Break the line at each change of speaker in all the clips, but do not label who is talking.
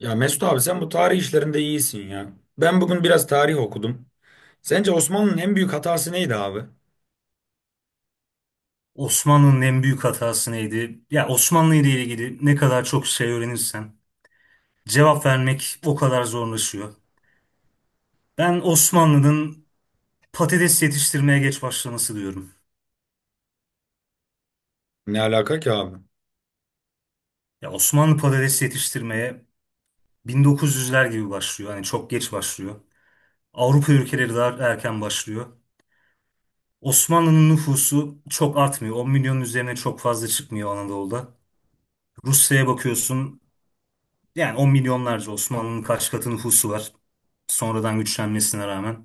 Ya Mesut abi, sen bu tarih işlerinde iyisin ya. Ben bugün biraz tarih okudum. Sence Osmanlı'nın en büyük hatası neydi abi?
Osmanlı'nın en büyük hatası neydi? Ya Osmanlı ile ilgili ne kadar çok şey öğrenirsen cevap vermek o kadar zorlaşıyor. Ben Osmanlı'nın patates yetiştirmeye geç başlaması diyorum.
Ne alaka ki abi?
Ya Osmanlı patates yetiştirmeye 1900'ler gibi başlıyor. Hani çok geç başlıyor. Avrupa ülkeleri daha erken başlıyor. Osmanlı'nın nüfusu çok artmıyor. 10 milyonun üzerine çok fazla çıkmıyor Anadolu'da. Rusya'ya bakıyorsun. Yani 10 milyonlarca Osmanlı'nın kaç katı nüfusu var. Sonradan güçlenmesine rağmen.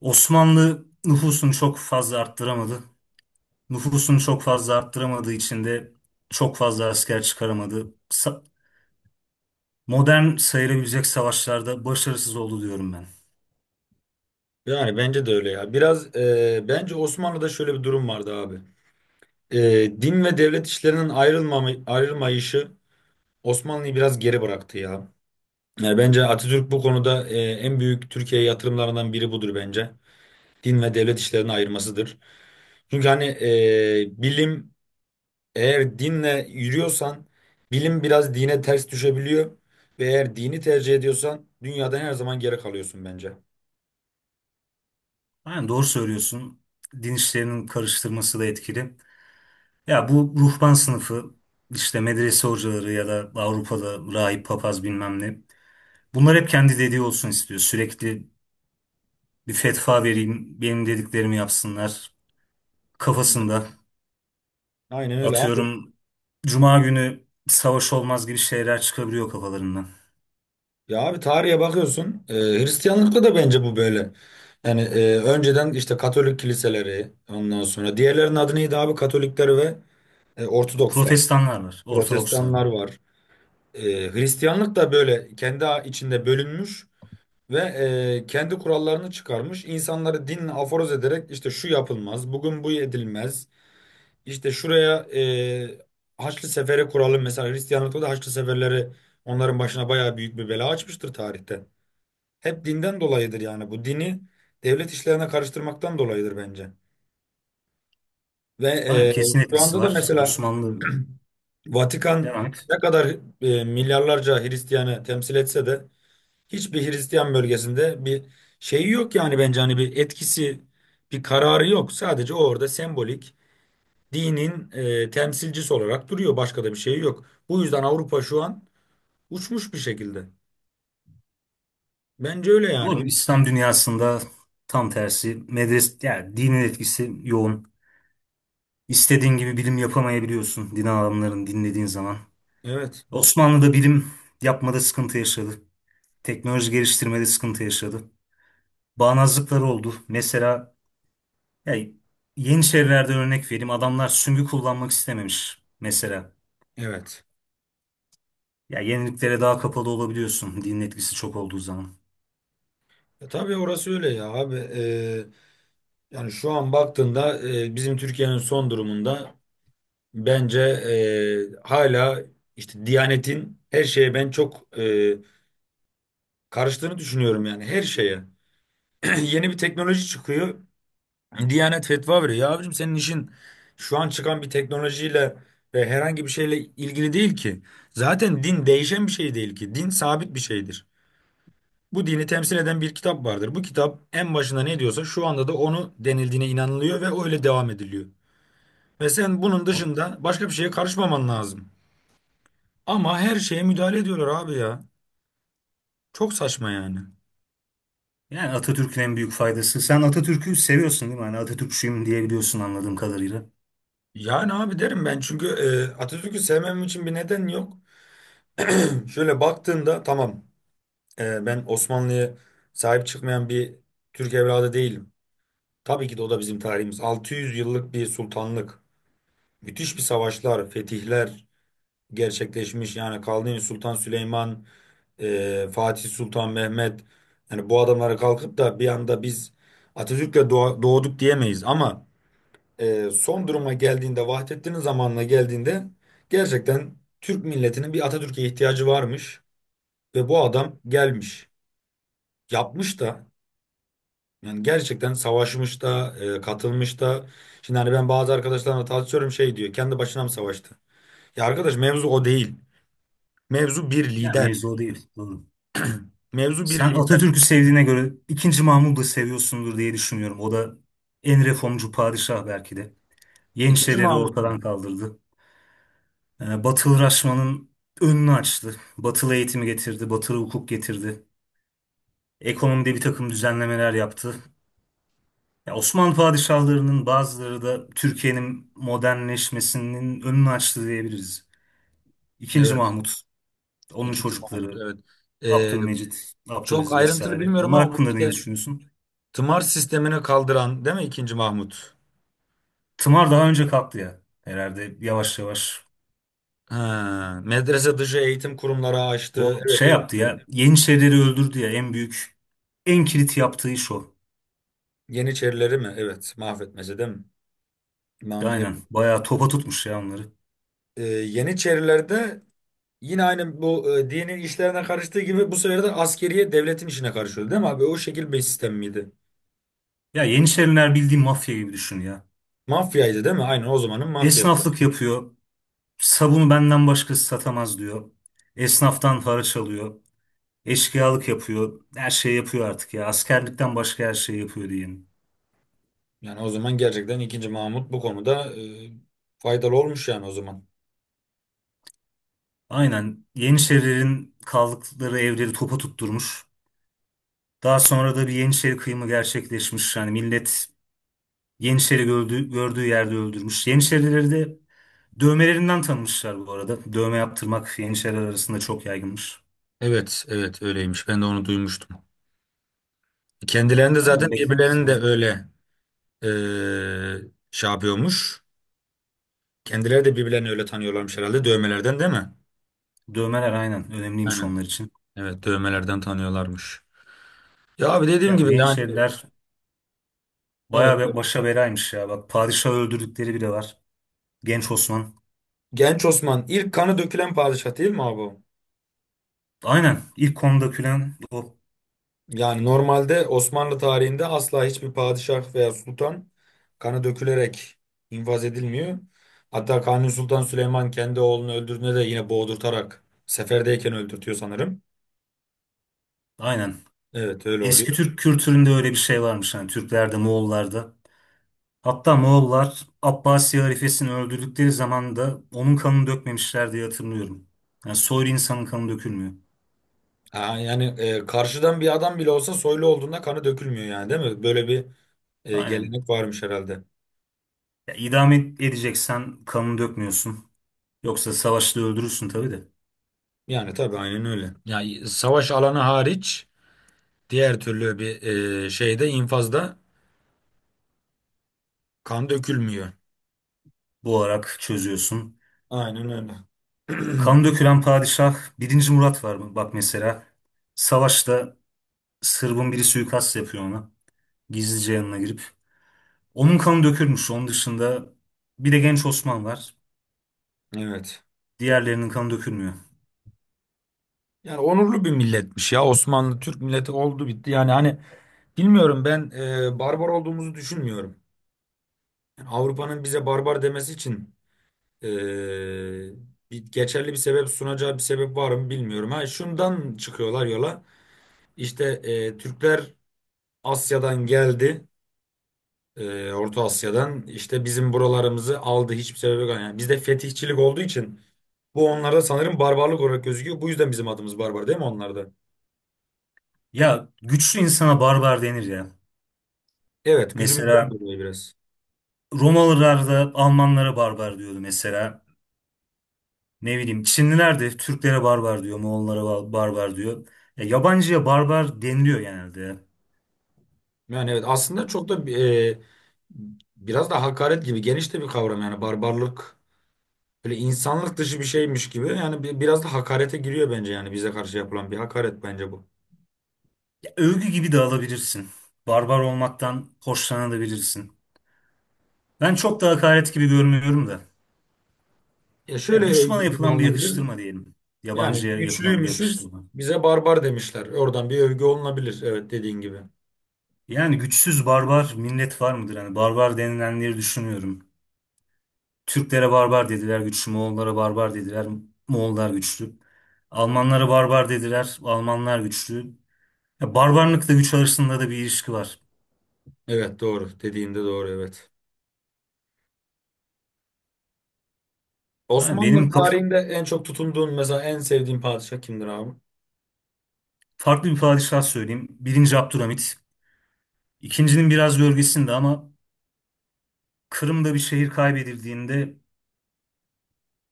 Osmanlı nüfusunu çok fazla arttıramadı. Nüfusunu çok fazla arttıramadığı için de çok fazla asker çıkaramadı. Modern sayılabilecek savaşlarda başarısız oldu diyorum ben.
Yani bence de öyle ya. Biraz bence Osmanlı'da şöyle bir durum vardı abi. E, Din ve devlet işlerinin ayrılmayışı Osmanlı'yı biraz geri bıraktı ya. Yani bence Atatürk bu konuda en büyük Türkiye'ye yatırımlarından biri budur bence. Din ve devlet işlerini ayırmasıdır. Çünkü hani bilim, eğer dinle yürüyorsan bilim biraz dine ters düşebiliyor ve eğer dini tercih ediyorsan dünyadan her zaman geri kalıyorsun bence.
Yani doğru söylüyorsun. Din işlerinin karıştırması da etkili. Ya bu ruhban sınıfı işte medrese hocaları ya da Avrupa'da rahip papaz bilmem ne. Bunlar hep kendi dediği olsun istiyor. Sürekli bir fetva vereyim, benim dediklerimi yapsınlar kafasında.
Aynen öyle abi.
Atıyorum Cuma günü savaş olmaz gibi şeyler çıkabiliyor kafalarından.
Ya abi, tarihe bakıyorsun, Hristiyanlıkta da bence bu böyle. Yani önceden işte Katolik kiliseleri, ondan sonra diğerlerinin adı neydi abi, Katolikler ve Ortodokslar.
Protestanlar var, Ortodokslar
Protestanlar
var.
var. E, Hristiyanlık da böyle kendi içinde bölünmüş. Ve kendi kurallarını çıkarmış. İnsanları dinle aforoz ederek, işte şu yapılmaz, bugün bu edilmez. İşte şuraya Haçlı Seferi kuralım. Mesela Hristiyanlıkta da Haçlı Seferleri onların başına bayağı büyük bir bela açmıştır tarihte. Hep dinden dolayıdır, yani bu dini devlet işlerine karıştırmaktan dolayıdır bence. Ve
Tamam,
e,
kesin
Şu
etkisi
anda da
var.
mesela
Osmanlı
Vatikan
devam et.
ne kadar milyarlarca Hristiyanı temsil etse de hiçbir Hristiyan bölgesinde bir şeyi yok, yani bence hani bir etkisi, bir kararı yok. Sadece o orada sembolik dinin temsilcisi olarak duruyor. Başka da bir şey yok. Bu yüzden Avrupa şu an uçmuş bir şekilde. Bence öyle yani.
Doğru mu? İslam dünyasında tam tersi. Medres, yani dinin etkisi yoğun. İstediğin gibi bilim yapamayabiliyorsun din adamlarını dinlediğin zaman.
Evet,
Osmanlı'da bilim yapmada sıkıntı yaşadı. Teknoloji geliştirmede sıkıntı yaşadı. Bağnazlıkları oldu. Mesela ya Yeniçerilerde örnek vereyim. Adamlar süngü kullanmak istememiş mesela.
evet.
Ya yeniliklere daha kapalı olabiliyorsun dinin etkisi çok olduğu zaman.
Tabii orası öyle ya abi. Yani şu an baktığında bizim Türkiye'nin son durumunda bence hala işte Diyanet'in her şeye ben çok karıştığını düşünüyorum yani, her şeye. Yeni bir teknoloji çıkıyor. Diyanet fetva veriyor. Ya abicim, senin işin şu an çıkan bir teknolojiyle ve herhangi bir şeyle ilgili değil ki. Zaten din değişen bir şey değil ki. Din sabit bir şeydir. Bu dini temsil eden bir kitap vardır. Bu kitap en başında ne diyorsa şu anda da onu denildiğine inanılıyor ve öyle devam ediliyor. Ve sen bunun dışında başka bir şeye karışmaman lazım. Ama her şeye müdahale ediyorlar abi ya. Çok saçma yani.
Yani Atatürk'ün en büyük faydası. Sen Atatürk'ü seviyorsun değil mi? Hani Atatürkçüyüm diyebiliyorsun anladığım kadarıyla.
Yani abi, derim ben, çünkü Atatürk'ü sevmem için bir neden yok. Şöyle baktığında, tamam, ben Osmanlı'ya sahip çıkmayan bir Türk evladı değilim. Tabii ki de o da bizim tarihimiz. 600 yıllık bir sultanlık. Müthiş bir savaşlar, fetihler gerçekleşmiş. Yani Kanuni Sultan Süleyman, Fatih Sultan Mehmet. Yani bu adamlara kalkıp da bir anda biz Atatürk'le doğduk diyemeyiz. Ama son duruma geldiğinde, Vahdettin'in zamanına geldiğinde gerçekten Türk milletinin bir Atatürk'e ihtiyacı varmış. Ve bu adam gelmiş, yapmış da, yani gerçekten savaşmış da, katılmış da. Şimdi hani ben bazı arkadaşlarımla tartışıyorum, şey diyor, kendi başına mı savaştı? Ya arkadaş, mevzu o değil. Mevzu bir
Ya
lider.
mevzu o değil. Doğru.
Mevzu bir
Sen
lider.
Atatürk'ü sevdiğine göre II. Mahmud'u seviyorsundur diye düşünüyorum. O da en reformcu padişah belki de.
İkinci
Yeniçerileri
Mahmut mu?
ortadan kaldırdı. Batılı Raşman'ın önünü açtı. Batılı eğitimi getirdi. Batılı hukuk getirdi. Ekonomide bir takım düzenlemeler yaptı. Ya Osmanlı padişahlarının bazıları da Türkiye'nin modernleşmesinin önünü açtı diyebiliriz. İkinci
Evet.
Mahmut, onun
ikinci Mahmut,
çocukları
evet. E,
Abdülmecit,
Çok
Abdülaziz
ayrıntılı
vesaire.
bilmiyorum
Onlar
ama bu
hakkında ne
işte
düşünüyorsun?
tımar sistemini kaldıran değil mi ikinci Mahmut?
Tımar daha önce kalktı ya herhalde yavaş yavaş.
Ha, medrese dışı eğitim kurumları açtı.
O
Evet,
şey
evet.
yaptı ya Yeniçerileri öldürdü ya en büyük en kilit yaptığı iş o.
Yeniçerileri mi? Evet. Mahvetmece değil mi? Mant,
Aynen
evet.
bayağı topa tutmuş ya onları.
Yeniçerilerde yine aynı bu dini işlerine karıştığı gibi, bu sefer de askeriye devletin işine karışıyordu değil mi abi? O şekil bir sistem miydi?
Ya Yeniçeriler bildiğin mafya gibi düşün ya.
Mafyaydı değil mi? Aynen, o zamanın mafyası.
Esnaflık yapıyor. Sabunu benden başkası satamaz diyor. Esnaftan haraç alıyor. Eşkıyalık yapıyor. Her şeyi yapıyor artık ya. Askerlikten başka her şeyi yapıyor diyelim.
Yani o zaman gerçekten ikinci Mahmut bu konuda faydalı olmuş yani o zaman.
Aynen. Yeniçerilerin kaldıkları evleri topa tutturmuş. Daha sonra da bir Yeniçeri kıyımı gerçekleşmiş. Yani millet Yeniçeri gördüğü yerde öldürmüş. Yeniçerileri de dövmelerinden tanımışlar bu arada. Dövme yaptırmak Yeniçeriler arasında çok yaygınmış.
Evet, evet, öyleymiş. Ben de onu duymuştum. Kendilerini de zaten,
Aynen beklemezsin
birbirlerini de
oğlum.
öyle e, şey yapıyormuş. Kendileri de birbirlerini öyle tanıyorlarmış herhalde, dövmelerden değil mi?
Dövmeler aynen önemliymiş
Aynen.
onlar için.
Evet, dövmelerden tanıyorlarmış. Ya abi dediğim
Ya
gibi
bu
yani,
Yeniçeriler
evet.
bayağı bir başa belaymış ya. Bak padişahı öldürdükleri bile var. Genç Osman.
Genç Osman ilk kanı dökülen padişah değil mi abi?
Aynen. İlk konuda külen o.
Yani normalde Osmanlı tarihinde asla hiçbir padişah veya sultan kanı dökülerek infaz edilmiyor. Hatta Kanuni Sultan Süleyman kendi oğlunu öldürdüğünde de yine boğdurtarak seferdeyken öldürtüyor sanırım.
Aynen.
Evet, öyle
Eski
oluyor.
Türk kültüründe öyle bir şey varmış. Yani Türklerde, Moğollarda. Hatta Moğollar Abbasi halifesini öldürdükleri zaman da onun kanını dökmemişler diye hatırlıyorum. Yani soylu insanın kanı dökülmüyor.
Ha, yani karşıdan bir adam bile olsa soylu olduğunda kanı dökülmüyor yani, değil mi? Böyle bir
Aynen.
gelenek varmış herhalde.
Ya, edeceksen kanını dökmüyorsun. Yoksa savaşta öldürürsün tabii de.
Yani tabii, aynen öyle. Yani savaş alanı hariç diğer türlü bir şeyde, infazda kan dökülmüyor.
Bu olarak çözüyorsun.
Aynen öyle.
Kan dökülen padişah I. Murat var mı? Bak mesela savaşta Sırbın biri suikast yapıyor ona. Gizlice yanına girip. Onun kanı dökülmüş. Onun dışında bir de genç Osman var.
Evet.
Diğerlerinin kanı dökülmüyor.
Yani onurlu bir milletmiş ya, Osmanlı Türk milleti, oldu bitti. Yani hani bilmiyorum, ben barbar olduğumuzu düşünmüyorum. Yani Avrupa'nın bize barbar demesi için e, geçerli bir sebep sunacağı bir sebep var mı bilmiyorum. Ha, şundan çıkıyorlar yola. İşte Türkler Asya'dan geldi, Orta Asya'dan işte bizim buralarımızı aldı, hiçbir sebebe yok. Yani bizde fetihçilik olduğu için bu onlarda sanırım barbarlık olarak gözüküyor. Bu yüzden bizim adımız barbar değil mi onlarda?
Ya güçlü insana barbar denir ya.
Evet, gücümüzden
Mesela
dolayı biraz.
Romalılar da Almanlara barbar diyordu mesela. Ne bileyim Çinliler de Türklere barbar diyor, Moğollara barbar diyor. Ya, yabancıya barbar deniliyor genelde.
Yani evet, aslında çok da biraz da hakaret gibi, geniş de bir kavram yani barbarlık, böyle insanlık dışı bir şeymiş gibi yani, biraz da hakarete giriyor bence, yani bize karşı yapılan bir hakaret bence bu.
Övgü gibi de alabilirsin. Barbar olmaktan hoşlanabilirsin. Ben çok da hakaret gibi görmüyorum da.
Ya şöyle,
Ya düşmana
övgü gibi
yapılan bir
alınabilir.
yakıştırma diyelim.
Yani
Yabancıya yapılan bir
güçlüymüşüz,
yakıştırma.
bize barbar demişler. Oradan bir övgü olunabilir, evet, dediğin gibi.
Yani güçsüz barbar millet var mıdır? Hani barbar denilenleri düşünüyorum. Türklere barbar dediler güçlü, Moğollara barbar dediler, Moğollar güçlü. Almanlara barbar dediler, Almanlar güçlü. Ya barbarlıkla güç arasında da bir ilişki var.
Evet, doğru. Dediğinde doğru, evet.
Ha,
Osmanlı tarihinde en çok tutunduğun, mesela en sevdiğin padişah kimdir abi?
farklı bir padişah söyleyeyim. Birinci Abdülhamit. İkincinin biraz gölgesinde ama Kırım'da bir şehir kaybedildiğinde,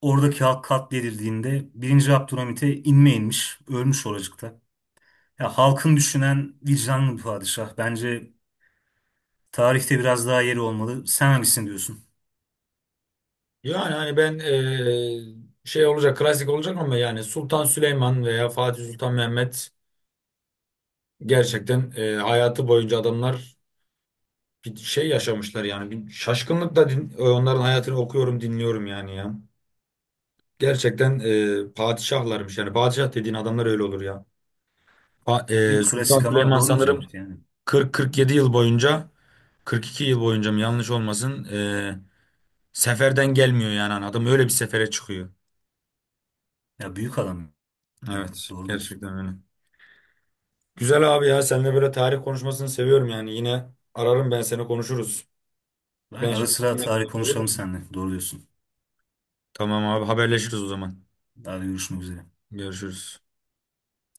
oradaki halk katledildiğinde I. Abdülhamit'e inme inmiş, ölmüş oracıkta. Ya halkın düşünen vicdanlı bir padişah. Bence tarihte biraz daha yeri olmalı. Sen hangisini diyorsun?
Yani hani ben şey olacak, klasik olacak ama yani Sultan Süleyman veya Fatih Sultan Mehmet, gerçekten hayatı boyunca adamlar bir şey yaşamışlar, yani bir şaşkınlıkla, din, onların hayatını okuyorum, dinliyorum yani ya. Gerçekten padişahlarmış, yani padişah dediğin adamlar öyle olur ya. Pa-
Değil mi?
Sultan
Klasik ama
Süleyman
doğru bir
sanırım
cevap yani.
40-47 yıl boyunca, 42 yıl boyunca mı, yanlış olmasın, seferden gelmiyor, yani hani adam öyle bir sefere çıkıyor.
Ya büyük adam ya.
Evet,
Doğru
gerçekten
diyorsun.
öyle. Güzel abi ya, seninle böyle tarih konuşmasını seviyorum yani, yine ararım ben seni, konuşuruz.
Ben
Ben
ara
şimdi
sıra
yemek
tarih
yiyeyim, olur
konuşalım
mu?
seninle. Doğru diyorsun.
Tamam abi, haberleşiriz o zaman.
Daha da görüşmek üzere.
Görüşürüz.